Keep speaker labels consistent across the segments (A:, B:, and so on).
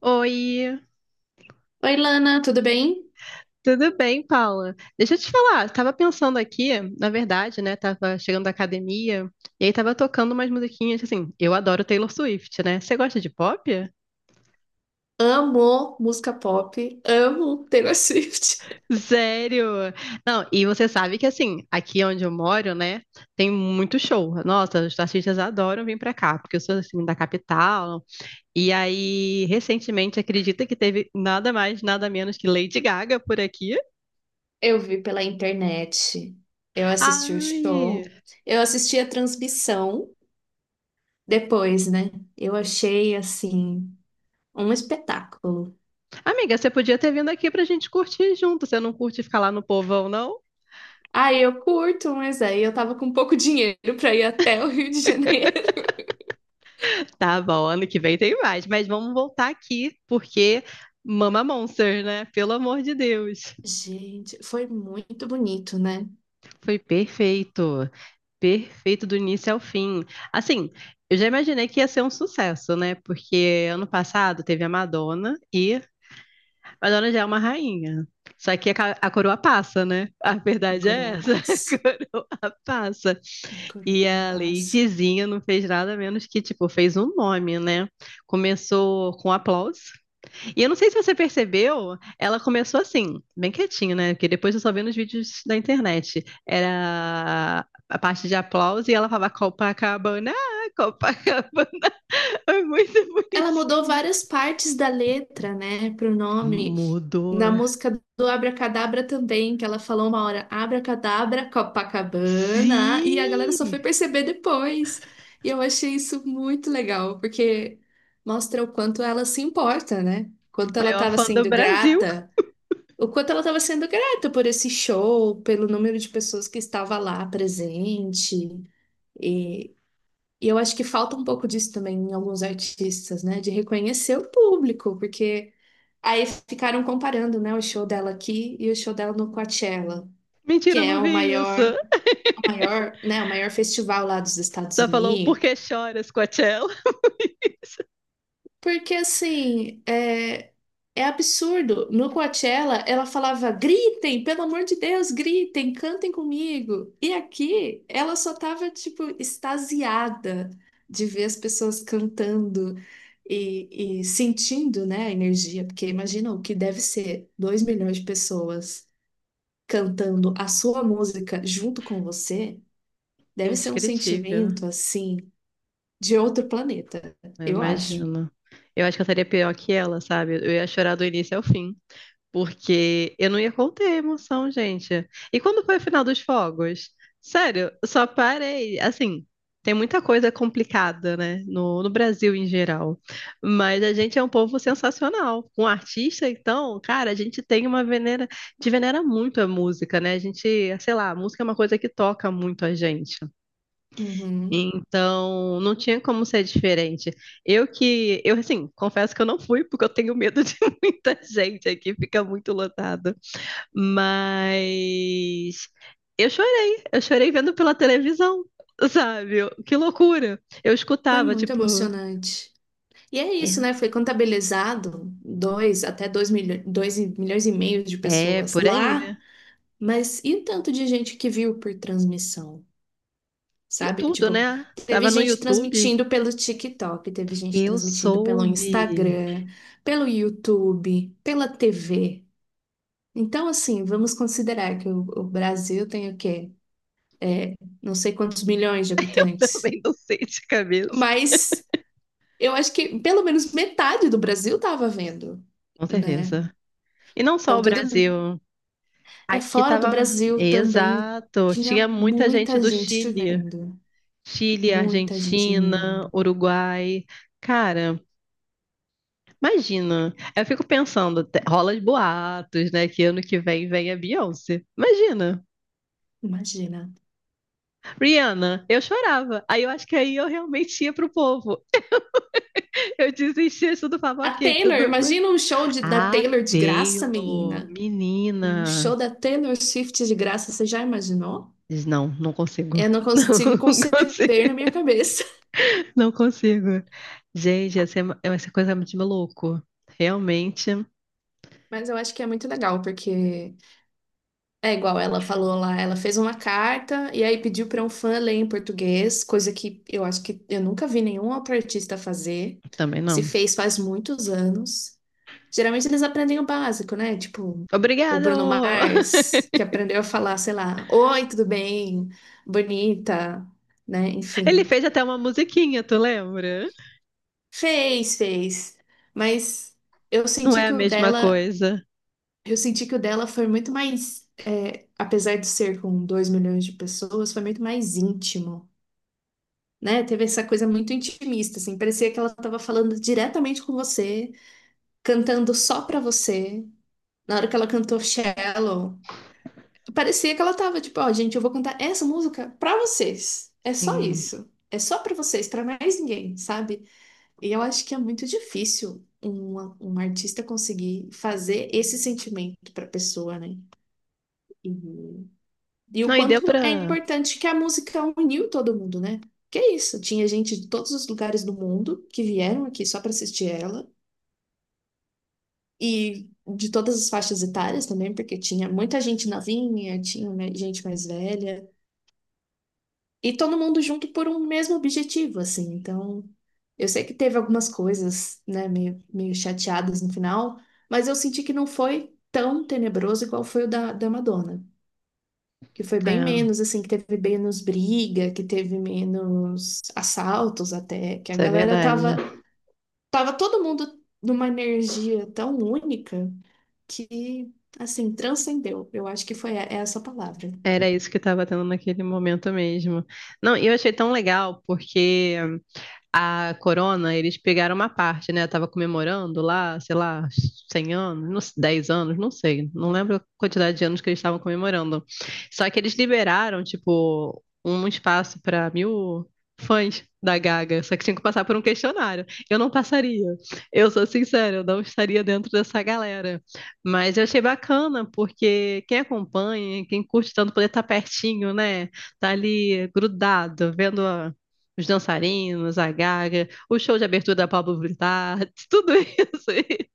A: Oi,
B: Oi, Lana, tudo bem?
A: tudo bem, Paula? Deixa eu te falar, estava pensando aqui, na verdade, né? Tava chegando da academia e aí tava tocando umas musiquinhas assim. Eu adoro Taylor Swift, né? Você gosta de pop?
B: Amo música pop, amo Taylor Swift.
A: Sério? Não, e você sabe que assim, aqui onde eu moro, né, tem muito show. Nossa, os artistas adoram vir pra cá, porque eu sou assim da capital. E aí, recentemente, acredita que teve nada mais, nada menos que Lady Gaga por aqui?
B: Eu vi pela internet, eu assisti o
A: Ai,
B: show, eu assisti a transmissão depois, né? Eu achei, assim, um espetáculo.
A: amiga, você podia ter vindo aqui pra gente curtir junto. Você não curte ficar lá no povão, não?
B: Ah, eu curto, mas aí eu tava com pouco dinheiro pra ir até o Rio de Janeiro.
A: Tá bom, ano que vem tem mais. Mas vamos voltar aqui, porque Mama Monster, né? Pelo amor de Deus.
B: Gente, foi muito bonito, né?
A: Foi perfeito. Perfeito do início ao fim. Assim, eu já imaginei que ia ser um sucesso, né? Porque ano passado teve a Madonna e Madonna já é uma rainha. Só que a, a coroa passa, né? A
B: A
A: verdade é
B: Coroa
A: essa, a
B: Passa.
A: coroa passa.
B: A
A: E
B: Coroa
A: a
B: Passa.
A: Ladyzinha não fez nada menos que, tipo, fez um nome, né? Começou com aplauso. E eu não sei se você percebeu, ela começou assim, bem quietinho, né? Porque depois eu só vi nos vídeos da internet. Era a parte de aplauso e ela falava Copacabana, Copacabana. É muito
B: Ela mudou
A: bonitinho.
B: várias partes da letra, né, pro nome.
A: Mudou.
B: Na música do Abracadabra também, que ela falou uma hora Abracadabra, Copacabana, e a galera só
A: Sim!
B: foi perceber depois. E eu achei isso muito legal, porque mostra o quanto ela se importa, né? Quanto ela
A: Maior
B: estava
A: fã do
B: sendo
A: Brasil.
B: grata, o quanto ela estava sendo grata por esse show, pelo número de pessoas que estava lá presente. E e eu acho que falta um pouco disso também em alguns artistas, né? De reconhecer o público, porque aí ficaram comparando, né, o show dela aqui e o show dela no Coachella, que
A: Mentira, eu
B: é
A: não vi isso.
B: o maior, né, o maior festival lá dos Estados
A: Só falou, por
B: Unidos.
A: que choras, Coachella?
B: Porque assim, é absurdo. No Coachella, ela falava: gritem, pelo amor de Deus, gritem, cantem comigo. E aqui, ela só tava, tipo, extasiada de ver as pessoas cantando e sentindo, né, a energia. Porque imagina o que deve ser 2 milhões de pessoas cantando a sua música junto com você. Deve ser um
A: Indescritível.
B: sentimento, assim, de outro planeta,
A: Eu
B: eu acho.
A: imagino. Eu acho que eu estaria pior que ela, sabe? Eu ia chorar do início ao fim, porque eu não ia conter a emoção, gente. E quando foi o final dos fogos? Sério, eu só parei. Assim, tem muita coisa complicada, né? No Brasil em geral. Mas a gente é um povo sensacional. Com um artista, então, cara, a gente tem uma venera. A gente venera muito a música, né? A gente, sei lá, a música é uma coisa que toca muito a gente,
B: Uhum.
A: então, não tinha como ser diferente. Eu que, eu assim, confesso que eu não fui porque eu tenho medo de muita gente aqui, fica muito lotado. Mas eu chorei vendo pela televisão, sabe? Eu- Que loucura. Eu
B: Foi
A: escutava,
B: muito
A: tipo,
B: emocionante. E é isso, né? Foi contabilizado dois até dois milho- dois e- milhões e meio de
A: é, é
B: pessoas
A: por aí,
B: lá, mas e o tanto de gente que viu por transmissão,
A: em
B: sabe?
A: tudo,
B: Tipo,
A: né?
B: teve
A: Tava no
B: gente
A: YouTube,
B: transmitindo pelo TikTok, teve gente
A: eu
B: transmitindo pelo
A: soube.
B: Instagram, pelo YouTube, pela TV. Então, assim, vamos considerar que o Brasil tem o quê? É, não sei quantos milhões de habitantes,
A: Também não sei de cabeça.
B: mas eu acho que pelo menos metade do Brasil tava vendo,
A: Com
B: né?
A: certeza. E não só
B: Então
A: o
B: tudo
A: Brasil.
B: é
A: Aqui
B: fora do
A: tava.
B: Brasil também.
A: Exato. Tinha
B: Tinha
A: muita gente
B: muita
A: do
B: gente
A: Chile.
B: vendo,
A: Chile,
B: muita gente
A: Argentina,
B: vendo.
A: Uruguai. Cara, imagina. Eu fico pensando, rola os boatos, né? Que ano que vem vem a Beyoncé. Imagina.
B: Imagina.
A: Rihanna, eu chorava. Aí eu acho que aí eu realmente ia pro povo. Eu desistia, tudo falava,
B: A
A: ok,
B: Taylor,
A: tudo bem.
B: imagina um show de- da
A: Ah,
B: Taylor de graça,
A: Taylor,
B: menina. Um show
A: menina.
B: da Taylor Swift de graça, você já imaginou?
A: Diz, não, não consigo.
B: Eu não
A: Não
B: consigo
A: consigo.
B: conceber na minha cabeça.
A: Não consigo. Gente, essa é, é essa coisa é muito de maluco. Realmente,
B: Mas eu acho que é muito legal, porque é igual ela falou lá, ela fez uma carta e aí pediu para um fã ler em português, coisa que eu acho que eu nunca vi nenhum outro artista fazer.
A: também
B: Se
A: não.
B: fez faz muitos anos. Geralmente eles aprendem o básico, né? Tipo, o Bruno
A: Obrigado!
B: Mars, que aprendeu a falar, sei lá, oi, tudo bem? Bonita, né?
A: Ele
B: Enfim.
A: fez até uma musiquinha, tu lembra?
B: Fez, fez. Mas eu
A: Não
B: senti
A: é a
B: que o
A: mesma
B: dela.
A: coisa.
B: Eu senti que o dela foi muito mais, é, apesar de ser com 2 milhões de pessoas, foi muito mais íntimo, né? Teve essa coisa muito intimista, assim, parecia que ela estava falando diretamente com você, cantando só pra você. Na hora que ela cantou Shallow, parecia que ela tava tipo, ó, gente, eu vou cantar essa música pra vocês. É só
A: Sim.
B: isso. É só pra vocês, pra mais ninguém, sabe? E eu acho que é muito difícil um artista conseguir fazer esse sentimento pra pessoa, né? E e o
A: Não, e deu
B: quanto é
A: pra.
B: importante que a música uniu todo mundo, né? Que é isso, tinha gente de todos os lugares do mundo que vieram aqui só para assistir ela e de todas as faixas etárias também, porque tinha muita gente novinha, tinha, né, gente mais velha, e todo mundo junto por um mesmo objetivo, assim. Então, eu sei que teve algumas coisas, né, meio chateadas no final, mas eu senti que não foi tão tenebroso igual foi o da Madonna, que foi
A: É,
B: bem menos, assim, que teve menos briga, que teve menos assaltos até, que a
A: isso é
B: galera
A: verdade.
B: tava, tava todo mundo numa energia tão única que, assim, transcendeu. Eu acho que foi essa a palavra.
A: Era isso que tava tendo naquele momento mesmo. Não, e eu achei tão legal, porque a Corona, eles pegaram uma parte, né? Tava comemorando lá, sei lá, 100 anos, 10 anos, não sei, não lembro a quantidade de anos que eles estavam comemorando. Só que eles liberaram, tipo, um espaço para 1.000 fãs da Gaga, só que tinha que passar por um questionário. Eu não passaria. Eu sou sincera, eu não estaria dentro dessa galera. Mas eu achei bacana, porque quem acompanha, quem curte tanto poder estar pertinho, né? Tá ali grudado, vendo a os dançarinos, a Gaga, o show de abertura da Pablo Vittar, tudo isso aí.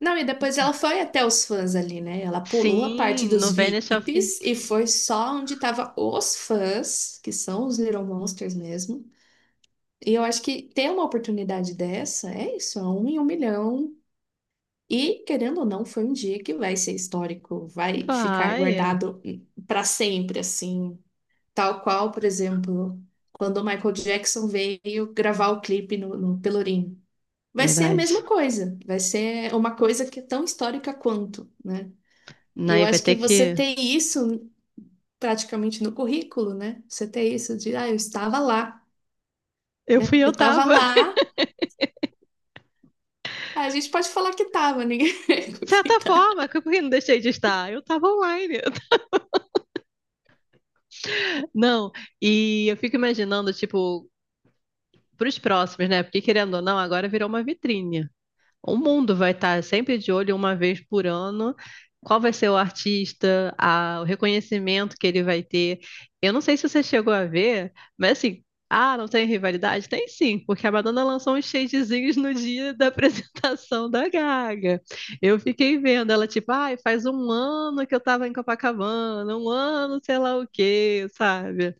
B: Não, e depois ela foi até os fãs ali, né? Ela pulou a parte
A: Sim,
B: dos
A: no Venice of...
B: VIPs e foi só onde tava os fãs, que são os Little Monsters mesmo. E eu acho que ter uma oportunidade dessa é isso, é um em um milhão. E, querendo ou não, foi um dia que vai ser histórico, vai ficar
A: Vai,
B: guardado para sempre, assim. Tal qual, por exemplo, quando o Michael Jackson veio gravar o clipe no Pelourinho. Vai ser a mesma
A: verdade.
B: coisa, vai ser uma coisa que é tão histórica quanto, né? E eu
A: Aí vai
B: acho que
A: ter
B: você
A: que.
B: ter isso praticamente no currículo, né? Você ter isso de, ah, eu estava lá,
A: Eu fui,
B: né?
A: eu
B: Eu estava
A: tava.
B: lá, a gente pode falar que estava, ninguém.
A: De certa forma, que eu não deixei de estar. Eu tava online. Não, e eu fico imaginando, tipo, pros próximos, né? Porque querendo ou não, agora virou uma vitrine. O mundo vai estar sempre de olho uma vez por ano. Qual vai ser o artista, o reconhecimento que ele vai ter? Eu não sei se você chegou a ver, mas assim, ah, não tem rivalidade? Tem sim, porque a Madonna lançou uns shadezinhos no dia da apresentação da Gaga. Eu fiquei vendo ela, tipo, ai, faz um ano que eu tava em Copacabana, um ano, sei lá o quê, sabe?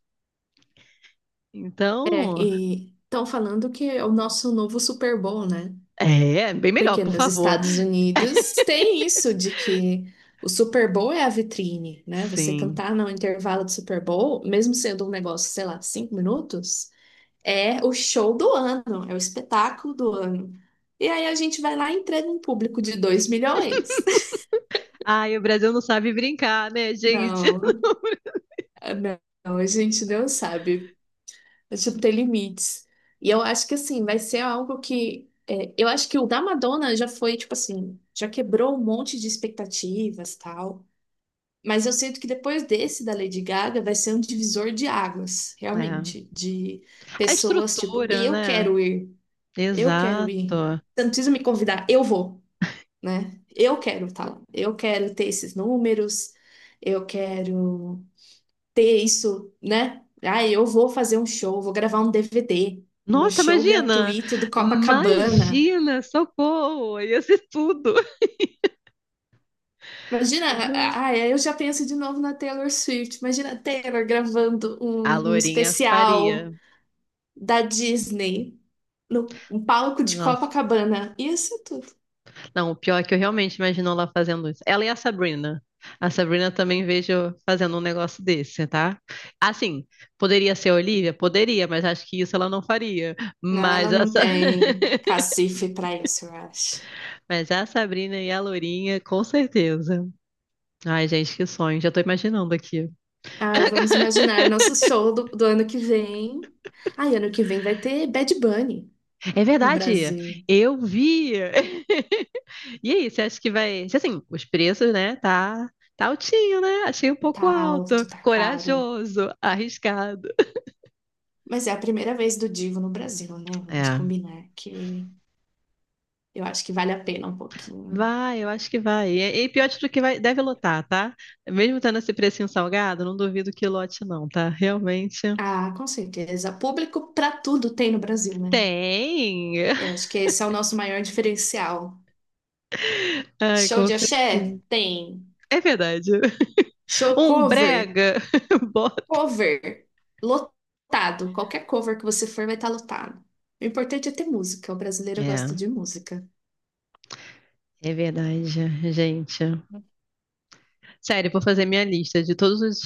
B: É,
A: Então,
B: e estão falando que é o nosso novo Super Bowl, né?
A: é, bem melhor,
B: Porque
A: por
B: nos
A: favor.
B: Estados Unidos tem isso de que o Super Bowl é a vitrine, né? Você
A: Sim.
B: cantar no intervalo do Super Bowl, mesmo sendo um negócio, sei lá, 5 minutos, é o show do ano, é o espetáculo do ano. E aí a gente vai lá e entrega um público de 2 milhões.
A: Ai, o Brasil não sabe brincar, né, gente?
B: Não, não, a gente não sabe. É, tipo, ter limites. E eu acho que, assim, vai ser algo que, é, eu acho que o da Madonna já foi, tipo assim, já quebrou um monte de expectativas, tal. Mas eu sinto que depois desse da Lady Gaga vai ser um divisor de águas,
A: É.
B: realmente. De
A: A
B: pessoas, tipo,
A: estrutura,
B: eu
A: né?
B: quero ir, eu quero ir.
A: Exato.
B: Você não precisa me convidar, eu vou, né? Eu quero, tal. Eu quero ter esses números, eu quero ter isso, né? Ah, eu vou fazer um show, vou gravar um DVD no
A: Nossa,
B: show
A: imagina!
B: gratuito do Copacabana.
A: Imagina, socorro! Ia ser tudo.
B: Imagina, ah, ah, eu já penso de novo na Taylor Swift. Imagina a Taylor gravando
A: A
B: um
A: Lourinha
B: especial
A: faria.
B: da Disney no um palco de
A: Nossa.
B: Copacabana. Isso é tudo.
A: Não, o pior é que eu realmente imagino ela fazendo isso. Ela e a Sabrina. A Sabrina também vejo fazendo um negócio desse, tá? Assim, poderia ser a Olivia? Poderia, mas acho que isso ela não faria.
B: Não,
A: Mas
B: ela não
A: essa.
B: tem cacife pra isso, eu acho.
A: Mas a Sabrina e a Lourinha, com certeza. Ai, gente, que sonho. Já tô imaginando aqui.
B: Ai, vamos imaginar nosso show do ano que vem. Ai, ano que vem vai ter Bad Bunny
A: É
B: no
A: verdade.
B: Brasil.
A: Eu vi. E aí, você acha que vai. Se, assim, os preços, né? Tá, tá altinho, né? Achei um
B: Tá
A: pouco
B: alto,
A: alto.
B: tá caro.
A: Corajoso, arriscado.
B: Mas é a primeira vez do Divo no Brasil, né? Vamos
A: É.
B: combinar que eu acho que vale a pena um pouquinho.
A: Vai, eu acho que vai. E pior de tudo que vai, deve lotar, tá? Mesmo tendo esse precinho salgado, não duvido que lote, não, tá? Realmente.
B: Ah, com certeza. Público pra tudo tem no Brasil, né?
A: Tem!
B: Eu acho que esse é o nosso maior diferencial.
A: Ai,
B: Show
A: com
B: de
A: certeza.
B: axé? Tem.
A: É verdade.
B: Show
A: Um
B: cover?
A: brega, bota.
B: Cover. Lotado. Qualquer cover que você for vai estar lotado. O importante é ter música. O brasileiro gosta
A: É,
B: de música.
A: é verdade, gente. Sério, vou fazer minha lista de todos os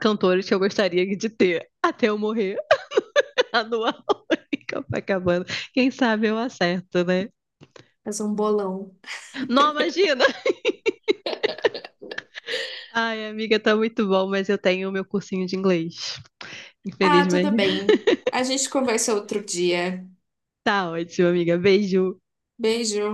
A: cantores que eu gostaria de ter até eu morrer anual em Copacabana. Quem sabe eu acerto, né?
B: Fazer um bolão.
A: Não, imagina! Ai, amiga, tá muito bom, mas eu tenho o meu cursinho de inglês.
B: Ah, tudo
A: Infelizmente.
B: bem. A gente conversa outro dia.
A: Tá ótimo, amiga. Beijo.
B: Beijo.